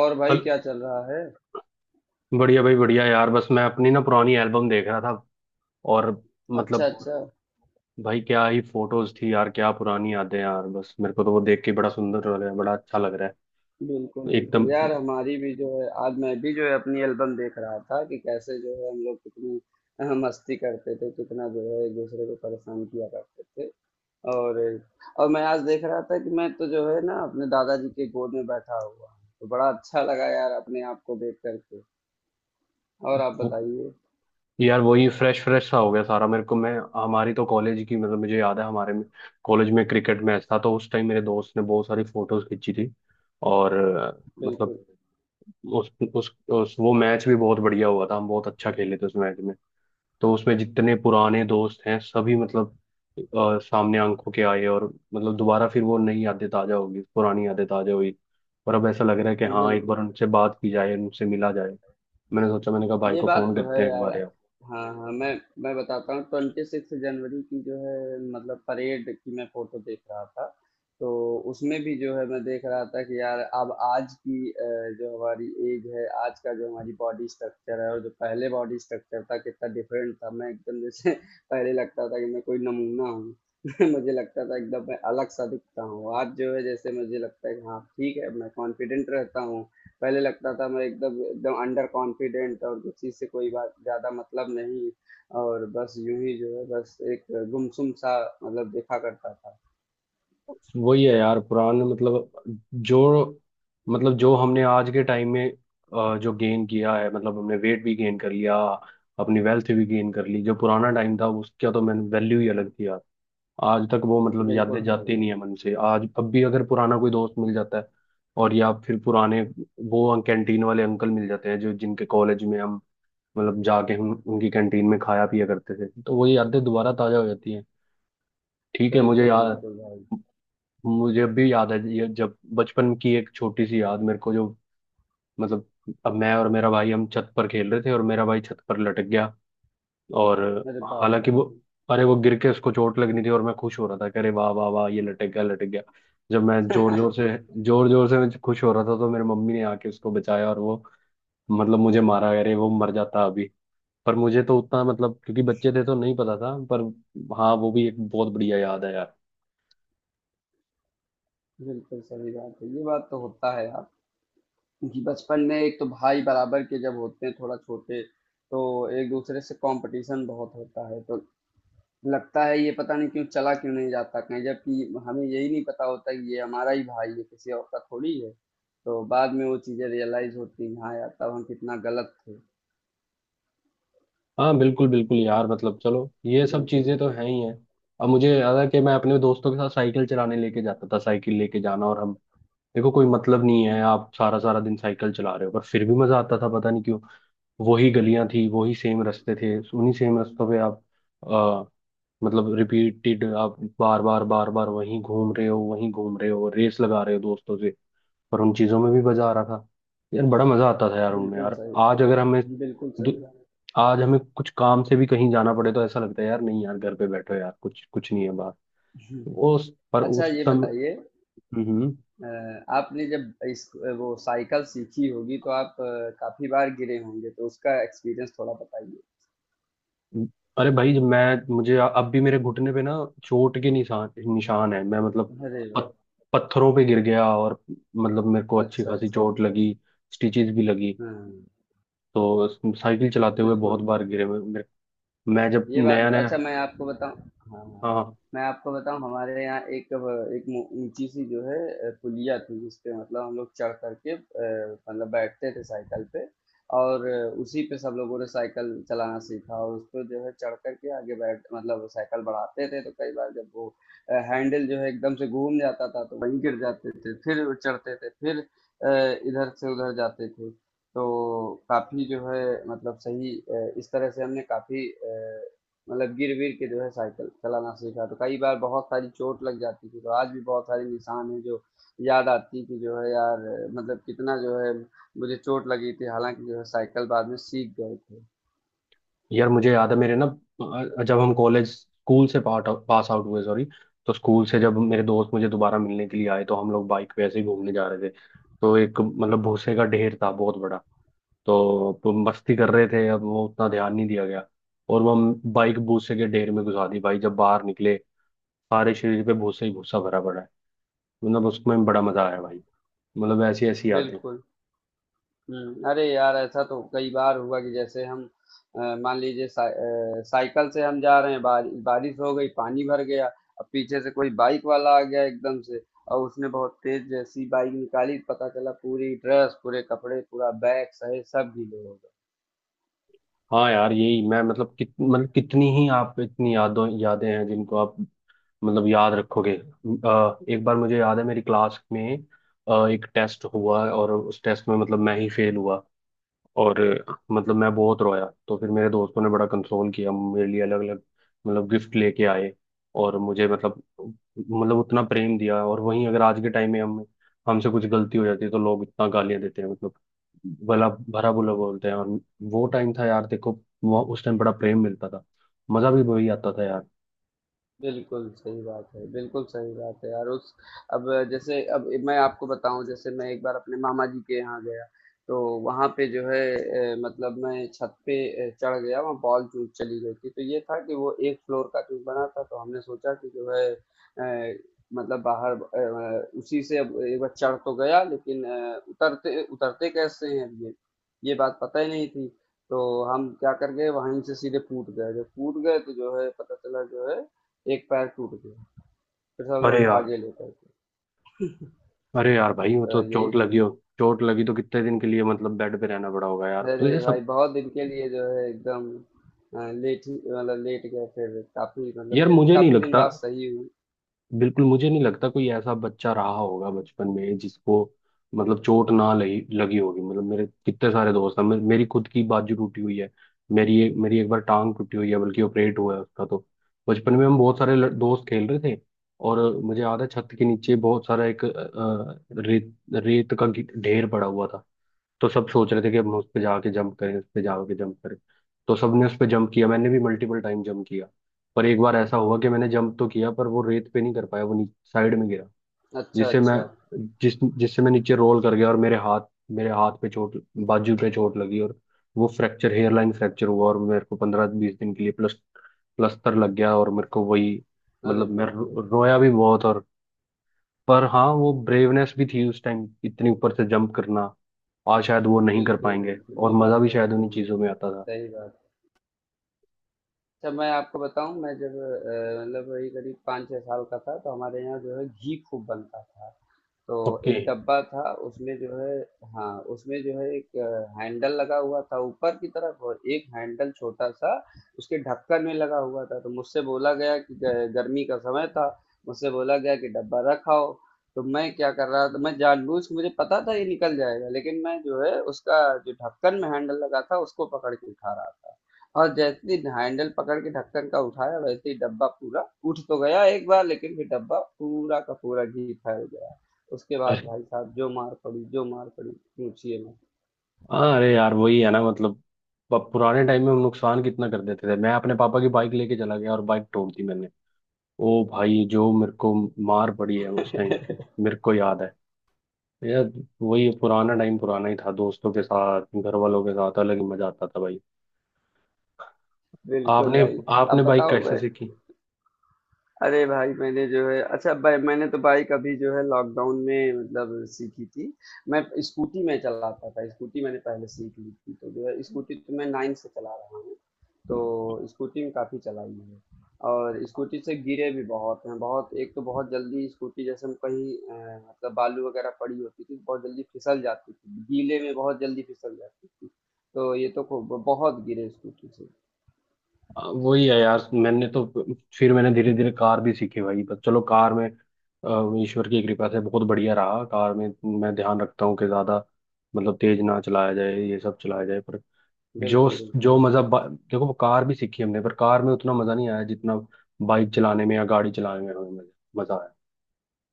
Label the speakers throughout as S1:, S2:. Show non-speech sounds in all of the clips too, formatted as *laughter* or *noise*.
S1: और भाई
S2: हल।
S1: क्या चल रहा है।
S2: बढ़िया भाई, बढ़िया यार, बस मैं अपनी ना पुरानी एल्बम देख रहा था। और
S1: अच्छा
S2: मतलब
S1: अच्छा।
S2: भाई क्या ही फोटोज थी यार, क्या पुरानी यादें यार, बस मेरे को तो वो देख के बड़ा सुंदर लग रहा है, बड़ा अच्छा लग रहा
S1: बिल्कुल
S2: है
S1: बिल्कुल
S2: एकदम।
S1: यार, हमारी भी जो है, आज मैं भी जो है अपनी एल्बम देख रहा था कि कैसे जो है हम लोग कितनी मस्ती करते थे, कितना जो है एक दूसरे को परेशान किया करते थे। और और मैं आज देख रहा था कि मैं तो जो है ना अपने दादाजी के गोद में बैठा हुआ हूँ, तो बड़ा अच्छा लगा यार अपने आप को देख करके। और आप
S2: वो-
S1: बताइए।
S2: यार, वही फ्रेश फ्रेश सा हो गया सारा मेरे को। मैं, हमारी तो कॉलेज की, मतलब, मुझे याद है हमारे में कॉलेज में क्रिकेट मैच था, तो उस टाइम मेरे दोस्त ने बहुत सारी फोटोज खींची थी। और मतलब
S1: बिल्कुल
S2: उस उस वो मैच भी बहुत बढ़िया हुआ था, हम बहुत अच्छा खेले थे उस मैच में। तो उसमें जितने पुराने दोस्त हैं सभी, मतलब सामने आंखों के आए, और मतलब दोबारा फिर वो नई यादें ताजा होगी, पुरानी यादें ताजा हुई। और अब ऐसा लग रहा है कि हाँ, एक
S1: बिल्कुल।
S2: बार उनसे बात की जाए, उनसे मिला जाए। मैंने सोचा, मैंने कहा भाई
S1: ये
S2: को
S1: बात
S2: फोन
S1: तो है
S2: करते हैं एक
S1: यार।
S2: बार यार।
S1: हाँ हाँ। मैं बताता हूँ ट्वेंटी सिक्स जनवरी की जो है मतलब परेड की मैं फोटो देख रहा था। तो उसमें भी जो है मैं देख रहा था कि यार अब आज की जो हमारी एज है, आज का जो हमारी बॉडी स्ट्रक्चर है और जो पहले बॉडी स्ट्रक्चर था, कितना डिफरेंट था। मैं एकदम जैसे *laughs* पहले लगता था कि मैं कोई नमूना हूँ। *laughs* मुझे लगता था एकदम मैं अलग सा दिखता हूँ। आज जो है जैसे मुझे लगता है कि हाँ ठीक है, मैं कॉन्फिडेंट रहता हूँ। पहले लगता था मैं एकदम एकदम अंडर कॉन्फिडेंट, और किसी से कोई बात ज़्यादा मतलब नहीं। और बस यूं ही जो है बस एक गुमसुम सा मतलब देखा करता था।
S2: वही है यार पुराने, मतलब जो जो हमने आज के टाइम में जो गेन किया है, मतलब हमने वेट भी गेन कर लिया, अपनी वेल्थ भी गेन कर ली। जो पुराना टाइम था उसका तो मैंने वैल्यू ही अलग थी यार। आज तक वो, मतलब,
S1: बिल्कुल
S2: यादें
S1: सही
S2: जाती
S1: बात।
S2: नहीं है मन से। आज अब भी अगर पुराना कोई दोस्त मिल जाता है, और या फिर पुराने वो कैंटीन वाले अंकल मिल जाते हैं, जो, जिनके कॉलेज में हम, मतलब, जाके हम उनकी कैंटीन में खाया पिया करते थे, तो वो यादें दोबारा ताजा हो जाती हैं। ठीक है।
S1: बिल्कुल बिल्कुल भाई।
S2: मुझे अब भी याद है, ये जब बचपन की एक छोटी सी याद मेरे को, जो, मतलब, अब मैं और मेरा भाई हम छत पर खेल रहे थे, और मेरा भाई छत पर लटक गया। और
S1: अरे बाप रे।
S2: हालांकि वो अरे, वो गिर के उसको चोट लगनी थी और मैं खुश हो रहा था कि अरे वाह वाह वाह, ये लटक गया, लटक गया। जब मैं जोर जोर से मैं खुश हो रहा था, तो मेरी मम्मी ने आके उसको बचाया, और वो, मतलब, मुझे मारा, अरे वो मर जाता अभी। पर मुझे तो उतना मतलब, क्योंकि बच्चे थे तो नहीं पता था, पर हाँ, वो भी एक बहुत बढ़िया याद है यार।
S1: *laughs* बिल्कुल सही बात है, ये बात तो होता है यार कि बचपन में एक तो भाई बराबर के जब होते हैं थोड़ा छोटे, तो एक दूसरे से कंपटीशन बहुत होता है। तो लगता है ये पता नहीं क्यों चला, क्यों नहीं जाता कहीं, जबकि हमें यही नहीं पता होता कि ये हमारा ही भाई है, किसी और का थोड़ी है। तो बाद में वो चीजें रियलाइज होती हैं, हाँ यार तब हम कितना गलत थे।
S2: हाँ बिल्कुल बिल्कुल यार, मतलब चलो, ये सब
S1: बिल्कुल
S2: चीजें तो हैं ही हैं। अब मुझे याद है कि मैं अपने दोस्तों के साथ साइकिल चलाने लेके जाता था, साइकिल लेके जाना, और हम, देखो, कोई मतलब नहीं है, आप सारा सारा दिन साइकिल चला रहे हो, पर फिर भी मजा आता था, पता नहीं क्यों। वही गलियां थी, वही सेम रास्ते थे, उन्हीं सेम रास्तों पे आप आ, मतलब रिपीटेड, आप बार बार बार बार वहीं घूम रहे हो, वहीं घूम रहे हो, रेस लगा रहे हो दोस्तों से, पर उन चीजों में भी मजा आ रहा था। यार, बड़ा मजा आता था यार उनमें
S1: बिल्कुल
S2: यार। आज
S1: सही,
S2: अगर हमें,
S1: बिल्कुल
S2: दु-
S1: सही बात।
S2: आज हमें कुछ काम से भी कहीं जाना पड़े, तो ऐसा लगता है यार, नहीं यार, घर पे बैठो यार, कुछ, कुछ नहीं है बात।
S1: *laughs* अच्छा
S2: उस
S1: ये बताइए,
S2: समय।
S1: अ, आपने जब इस वो साइकिल सीखी होगी तो आप काफी बार गिरे होंगे, तो उसका एक्सपीरियंस थोड़ा बताइए।
S2: अरे भाई, जब मैं, मुझे अब भी मेरे घुटने पे ना चोट के निशान निशान है, मैं मतलब
S1: अरे वाह।
S2: पत, पत्थरों पे गिर गया और मतलब मेरे को अच्छी
S1: अच्छा
S2: खासी
S1: अच्छा।
S2: चोट लगी, स्टिचेस भी लगी।
S1: हाँ।
S2: तो साइकिल चलाते हुए बहुत
S1: बिल्कुल।
S2: बार गिरे। मैं जब
S1: ये बात
S2: नया
S1: तो,
S2: नया,
S1: अच्छा मैं आपको बताऊँ। हाँ, हाँ।
S2: हाँ हाँ।
S1: मैं आपको बताऊँ हमारे यहाँ एक एक मो- ऊंची सी जो है पुलिया थी, जिस पे मतलब हम लोग चढ़ करके मतलब बैठते थे साइकिल पे। और उसी पे सब लोगों ने साइकिल चलाना सीखा, और उस पर जो है चढ़ करके आगे बैठ मतलब साइकिल बढ़ाते थे। तो कई बार जब वो हैंडल जो है एकदम से घूम जाता था, तो वहीं गिर जाते थे, फिर चढ़ते थे, फिर इधर से उधर जाते थे। तो काफी जो है मतलब सही, इस तरह से हमने काफी मतलब गिर गिर के जो है साइकिल चलाना सीखा। तो कई बार बहुत सारी चोट लग जाती थी, तो आज भी बहुत सारे निशान हैं जो याद आती कि जो है यार, मतलब कितना जो है मुझे चोट लगी थी। हालांकि जो है साइकिल बाद में सीख गए थे।
S2: यार मुझे याद है, मेरे ना जब हम कॉलेज स्कूल से पास पास आउट हुए, सॉरी, तो स्कूल से जब मेरे दोस्त मुझे दोबारा मिलने के लिए आए, तो हम लोग बाइक पे ऐसे ही घूमने जा रहे थे। तो एक, मतलब, भूसे का ढेर था बहुत बड़ा। तो तुम मस्ती कर रहे थे, अब वो उतना ध्यान नहीं दिया गया, और वो हम बाइक भूसे के ढेर में घुसा दी भाई। जब बाहर निकले, सारे शरीर पे भूसा ही भूसा भरा पड़ा है। मतलब उसमें बड़ा मजा आया भाई, मतलब ऐसी ऐसी यादें।
S1: बिल्कुल। अरे यार ऐसा तो कई बार हुआ कि जैसे हम मान लीजिए साइकिल से हम जा रहे हैं, बारिश हो गई, पानी भर गया, अब पीछे से कोई बाइक वाला आ गया एकदम से, और उसने बहुत तेज जैसी बाइक निकाली, पता चला पूरी ड्रेस, पूरे कपड़े, पूरा बैग सहित सब गीले हो गए।
S2: हाँ यार, यही मैं, मतलब मतलब कितनी ही आप, इतनी यादों यादें हैं जिनको आप, मतलब, याद रखोगे। एक बार मुझे याद है, मेरी क्लास में एक टेस्ट हुआ, और उस टेस्ट में, मतलब, मैं ही फेल हुआ। और मतलब मैं बहुत रोया, तो फिर मेरे दोस्तों ने बड़ा कंसोल किया मेरे लिए, अलग अलग, मतलब, गिफ्ट लेके आए। और मुझे, मतलब उतना प्रेम दिया। और वहीं अगर आज के टाइम में हम हमसे कुछ गलती हो जाती है, तो लोग इतना गालियां देते हैं, मतलब भला भरा बुरा बोलते हैं। और वो टाइम था यार, देखो, वो उस टाइम बड़ा प्रेम मिलता था, मजा भी वही आता था यार।
S1: बिल्कुल सही बात है, बिल्कुल सही बात है यार। उस, अब जैसे अब मैं आपको बताऊँ, जैसे मैं एक बार अपने मामा जी के यहाँ गया, तो वहाँ पे जो है मतलब मैं छत पे चढ़ गया, वहाँ बॉल चूज़ चली गई थी। तो ये था कि वो 1 फ्लोर का चूज़ बना था, तो हमने सोचा कि जो है मतलब बाहर उसी से। अब एक बार चढ़ तो गया, लेकिन उतरते उतरते कैसे हैं अब ये बात पता ही नहीं थी। तो हम क्या कर गए, वहीं से सीधे कूद गए। जब कूद गए तो जो है पता चला जो है एक पैर टूट गया। फिर सब लोग
S2: अरे यार
S1: भागे लेकर के,
S2: अरे यार भाई, वो
S1: तो
S2: तो
S1: यही।
S2: चोट लगी हो, चोट लगी तो कितने दिन के लिए मतलब बेड पे रहना पड़ा होगा यार, तो
S1: अरे
S2: ये
S1: भाई
S2: सब।
S1: बहुत दिन के लिए जो है एकदम लेट ही मतलब लेट गए, फिर काफी मतलब
S2: यार
S1: फिर
S2: मुझे नहीं
S1: काफी दिन
S2: लगता,
S1: बाद सही हुई।
S2: बिल्कुल मुझे नहीं लगता कोई ऐसा बच्चा रहा होगा बचपन में जिसको, मतलब, चोट ना लगी लगी होगी। मतलब मेरे कितने सारे दोस्त हैं, मेरी खुद की बाजू टूटी हुई है। मेरी एक बार टांग टूटी हुई है, बल्कि ऑपरेट हुआ है उसका तो। बचपन में हम बहुत सारे दोस्त खेल रहे थे, और मुझे याद है छत के नीचे बहुत सारा एक रेत रेत का ढेर पड़ा हुआ था। तो सब सोच रहे थे कि हम उस पे जाके जंप करें, उस पे जाके जंप करें। तो सबने उस पे जंप किया, मैंने भी मल्टीपल टाइम जंप किया। पर एक बार ऐसा हुआ कि मैंने जंप तो किया, पर वो रेत पे नहीं कर पाया, वो साइड में गिरा।
S1: अच्छा
S2: जिससे मैं
S1: अच्छा।
S2: जिस जिससे मैं नीचे रोल कर गया, और मेरे हाथ पे चोट बाजू पे चोट लगी, और वो फ्रैक्चर हेयरलाइन फ्रैक्चर हुआ, और मेरे को पंद्रह बीस दिन के लिए प्लस्तर लग गया। और मेरे को वही,
S1: अरे
S2: मतलब, मैं
S1: बाप रे।
S2: रोया भी बहुत, और पर हाँ, वो ब्रेवनेस भी थी उस टाइम, इतने ऊपर से जंप करना आज शायद वो नहीं कर
S1: बिल्कुल
S2: पाएंगे,
S1: बिल्कुल,
S2: और
S1: ये
S2: मजा
S1: बात
S2: भी
S1: तो
S2: शायद उन्हीं
S1: अच्छी है,
S2: चीजों में आता था।
S1: सही बात। अच्छा मैं आपको बताऊं, मैं जब मतलब वही करीब पाँच छह साल का था, तो हमारे यहाँ जो है घी खूब बनता था। तो
S2: ओके।
S1: एक डब्बा था, उसमें जो है, हाँ उसमें जो है एक हैंडल लगा हुआ था ऊपर की तरफ, और एक हैंडल छोटा सा उसके ढक्कन में लगा हुआ था। तो मुझसे बोला गया कि गर्मी का समय था, मुझसे बोला गया कि डब्बा रखाओ। तो मैं क्या कर रहा था, मैं मुझे पता था ये निकल जाएगा, लेकिन मैं जो है उसका जो ढक्कन में हैंडल लगा था उसको पकड़ के उठा रहा था। और जैसे ही हैंडल पकड़ के ढक्कन का उठाया, वैसे ही डब्बा पूरा उठ तो गया एक बार, लेकिन फिर डब्बा पूरा का पूरा घी फैल गया। उसके बाद
S2: अरे
S1: भाई साहब जो मार पड़ी, जो मार पड़ी, पूछिए मत।
S2: हाँ, अरे यार, वही है ना मतलब, पुराने टाइम में हम नुकसान कितना कर देते थे। मैं अपने पापा की बाइक लेके चला गया, और बाइक तोड़ दी मैंने। ओ भाई, जो मेरे को मार पड़ी है उस टाइम, मेरे को याद है यार। वही पुराना टाइम पुराना ही था, दोस्तों के साथ, घर वालों के साथ अलग ही मजा आता था भाई।
S1: बिल्कुल
S2: आपने
S1: भाई।
S2: आपने
S1: अब
S2: बाइक
S1: बताओ
S2: कैसे
S1: मैं
S2: सीखी?
S1: अरे भाई, मैंने जो है, अच्छा भाई मैंने तो बाइक अभी जो है लॉकडाउन में मतलब सीखी थी। मैं स्कूटी में चलाता था, स्कूटी मैंने पहले सीख ली थी। तो जो है स्कूटी तो मैं नाइन से चला रहा हूँ, तो स्कूटी में काफ़ी चलाई है। और स्कूटी से गिरे भी बहुत हैं। बहुत एक तो, बहुत जल्दी स्कूटी जैसे हम कहीं मतलब बालू वगैरह पड़ी होती थी, बहुत जल्दी फिसल जाती थी, गीले में बहुत जल्दी फिसल जाती थी। तो ये तो बहुत गिरे स्कूटी से।
S2: वही है यार, मैंने तो फिर मैंने धीरे धीरे कार भी सीखी भाई, पर चलो, कार में ईश्वर की कृपा से बहुत बढ़िया रहा। कार में मैं ध्यान रखता हूँ कि ज्यादा, मतलब, तेज ना चलाया जाए, ये सब चलाया जाए, पर जो,
S1: बिल्कुल
S2: जो
S1: बिल्कुल
S2: मजा देखो, वो कार भी सीखी हमने, पर कार में उतना मजा नहीं आया जितना बाइक चलाने में या गाड़ी चलाने में हमें मजा, मजा आया,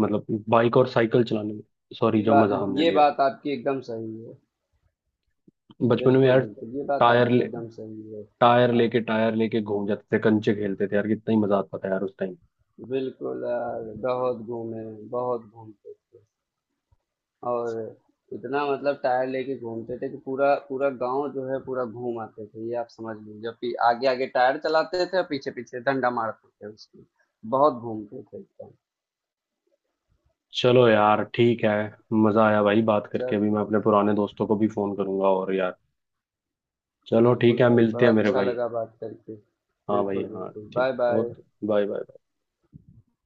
S2: मतलब बाइक और साइकिल चलाने में, सॉरी,
S1: ये
S2: जो
S1: बात,
S2: मजा हमने
S1: ये
S2: लिया
S1: बात आपकी एकदम सही है।
S2: बचपन में
S1: बिल्कुल,
S2: यार।
S1: बिल्कुल, ये बात
S2: टायर
S1: आपकी
S2: ले
S1: एकदम सही है। अ,
S2: टायर लेके घूम जाते थे, कंचे खेलते थे यार, कितना ही मजा आता था यार उस टाइम।
S1: बिल्कुल यार, बहुत घूमे, बहुत घूमते थे। और इतना मतलब टायर लेके घूमते थे कि पूरा पूरा गाँव जो है पूरा घूम आते थे, ये आप समझ लीजिए। पी आगे-आगे टायर चलाते थे और पीछे-पीछे डंडा मारते थे उसमें। बहुत घूमते थे एकदम।
S2: चलो यार, ठीक है। मजा आया भाई बात करके।
S1: चल,
S2: अभी मैं अपने पुराने दोस्तों को भी फोन करूंगा, और यार, चलो ठीक
S1: बिल्कुल
S2: है,
S1: भाई,
S2: मिलते
S1: बड़ा
S2: हैं मेरे
S1: अच्छा
S2: भाई।
S1: लगा बात करके।
S2: हाँ भाई
S1: बिल्कुल,
S2: हाँ,
S1: बिल्कुल।
S2: ठीक,
S1: बाय-बाय।
S2: Okay, bye bye.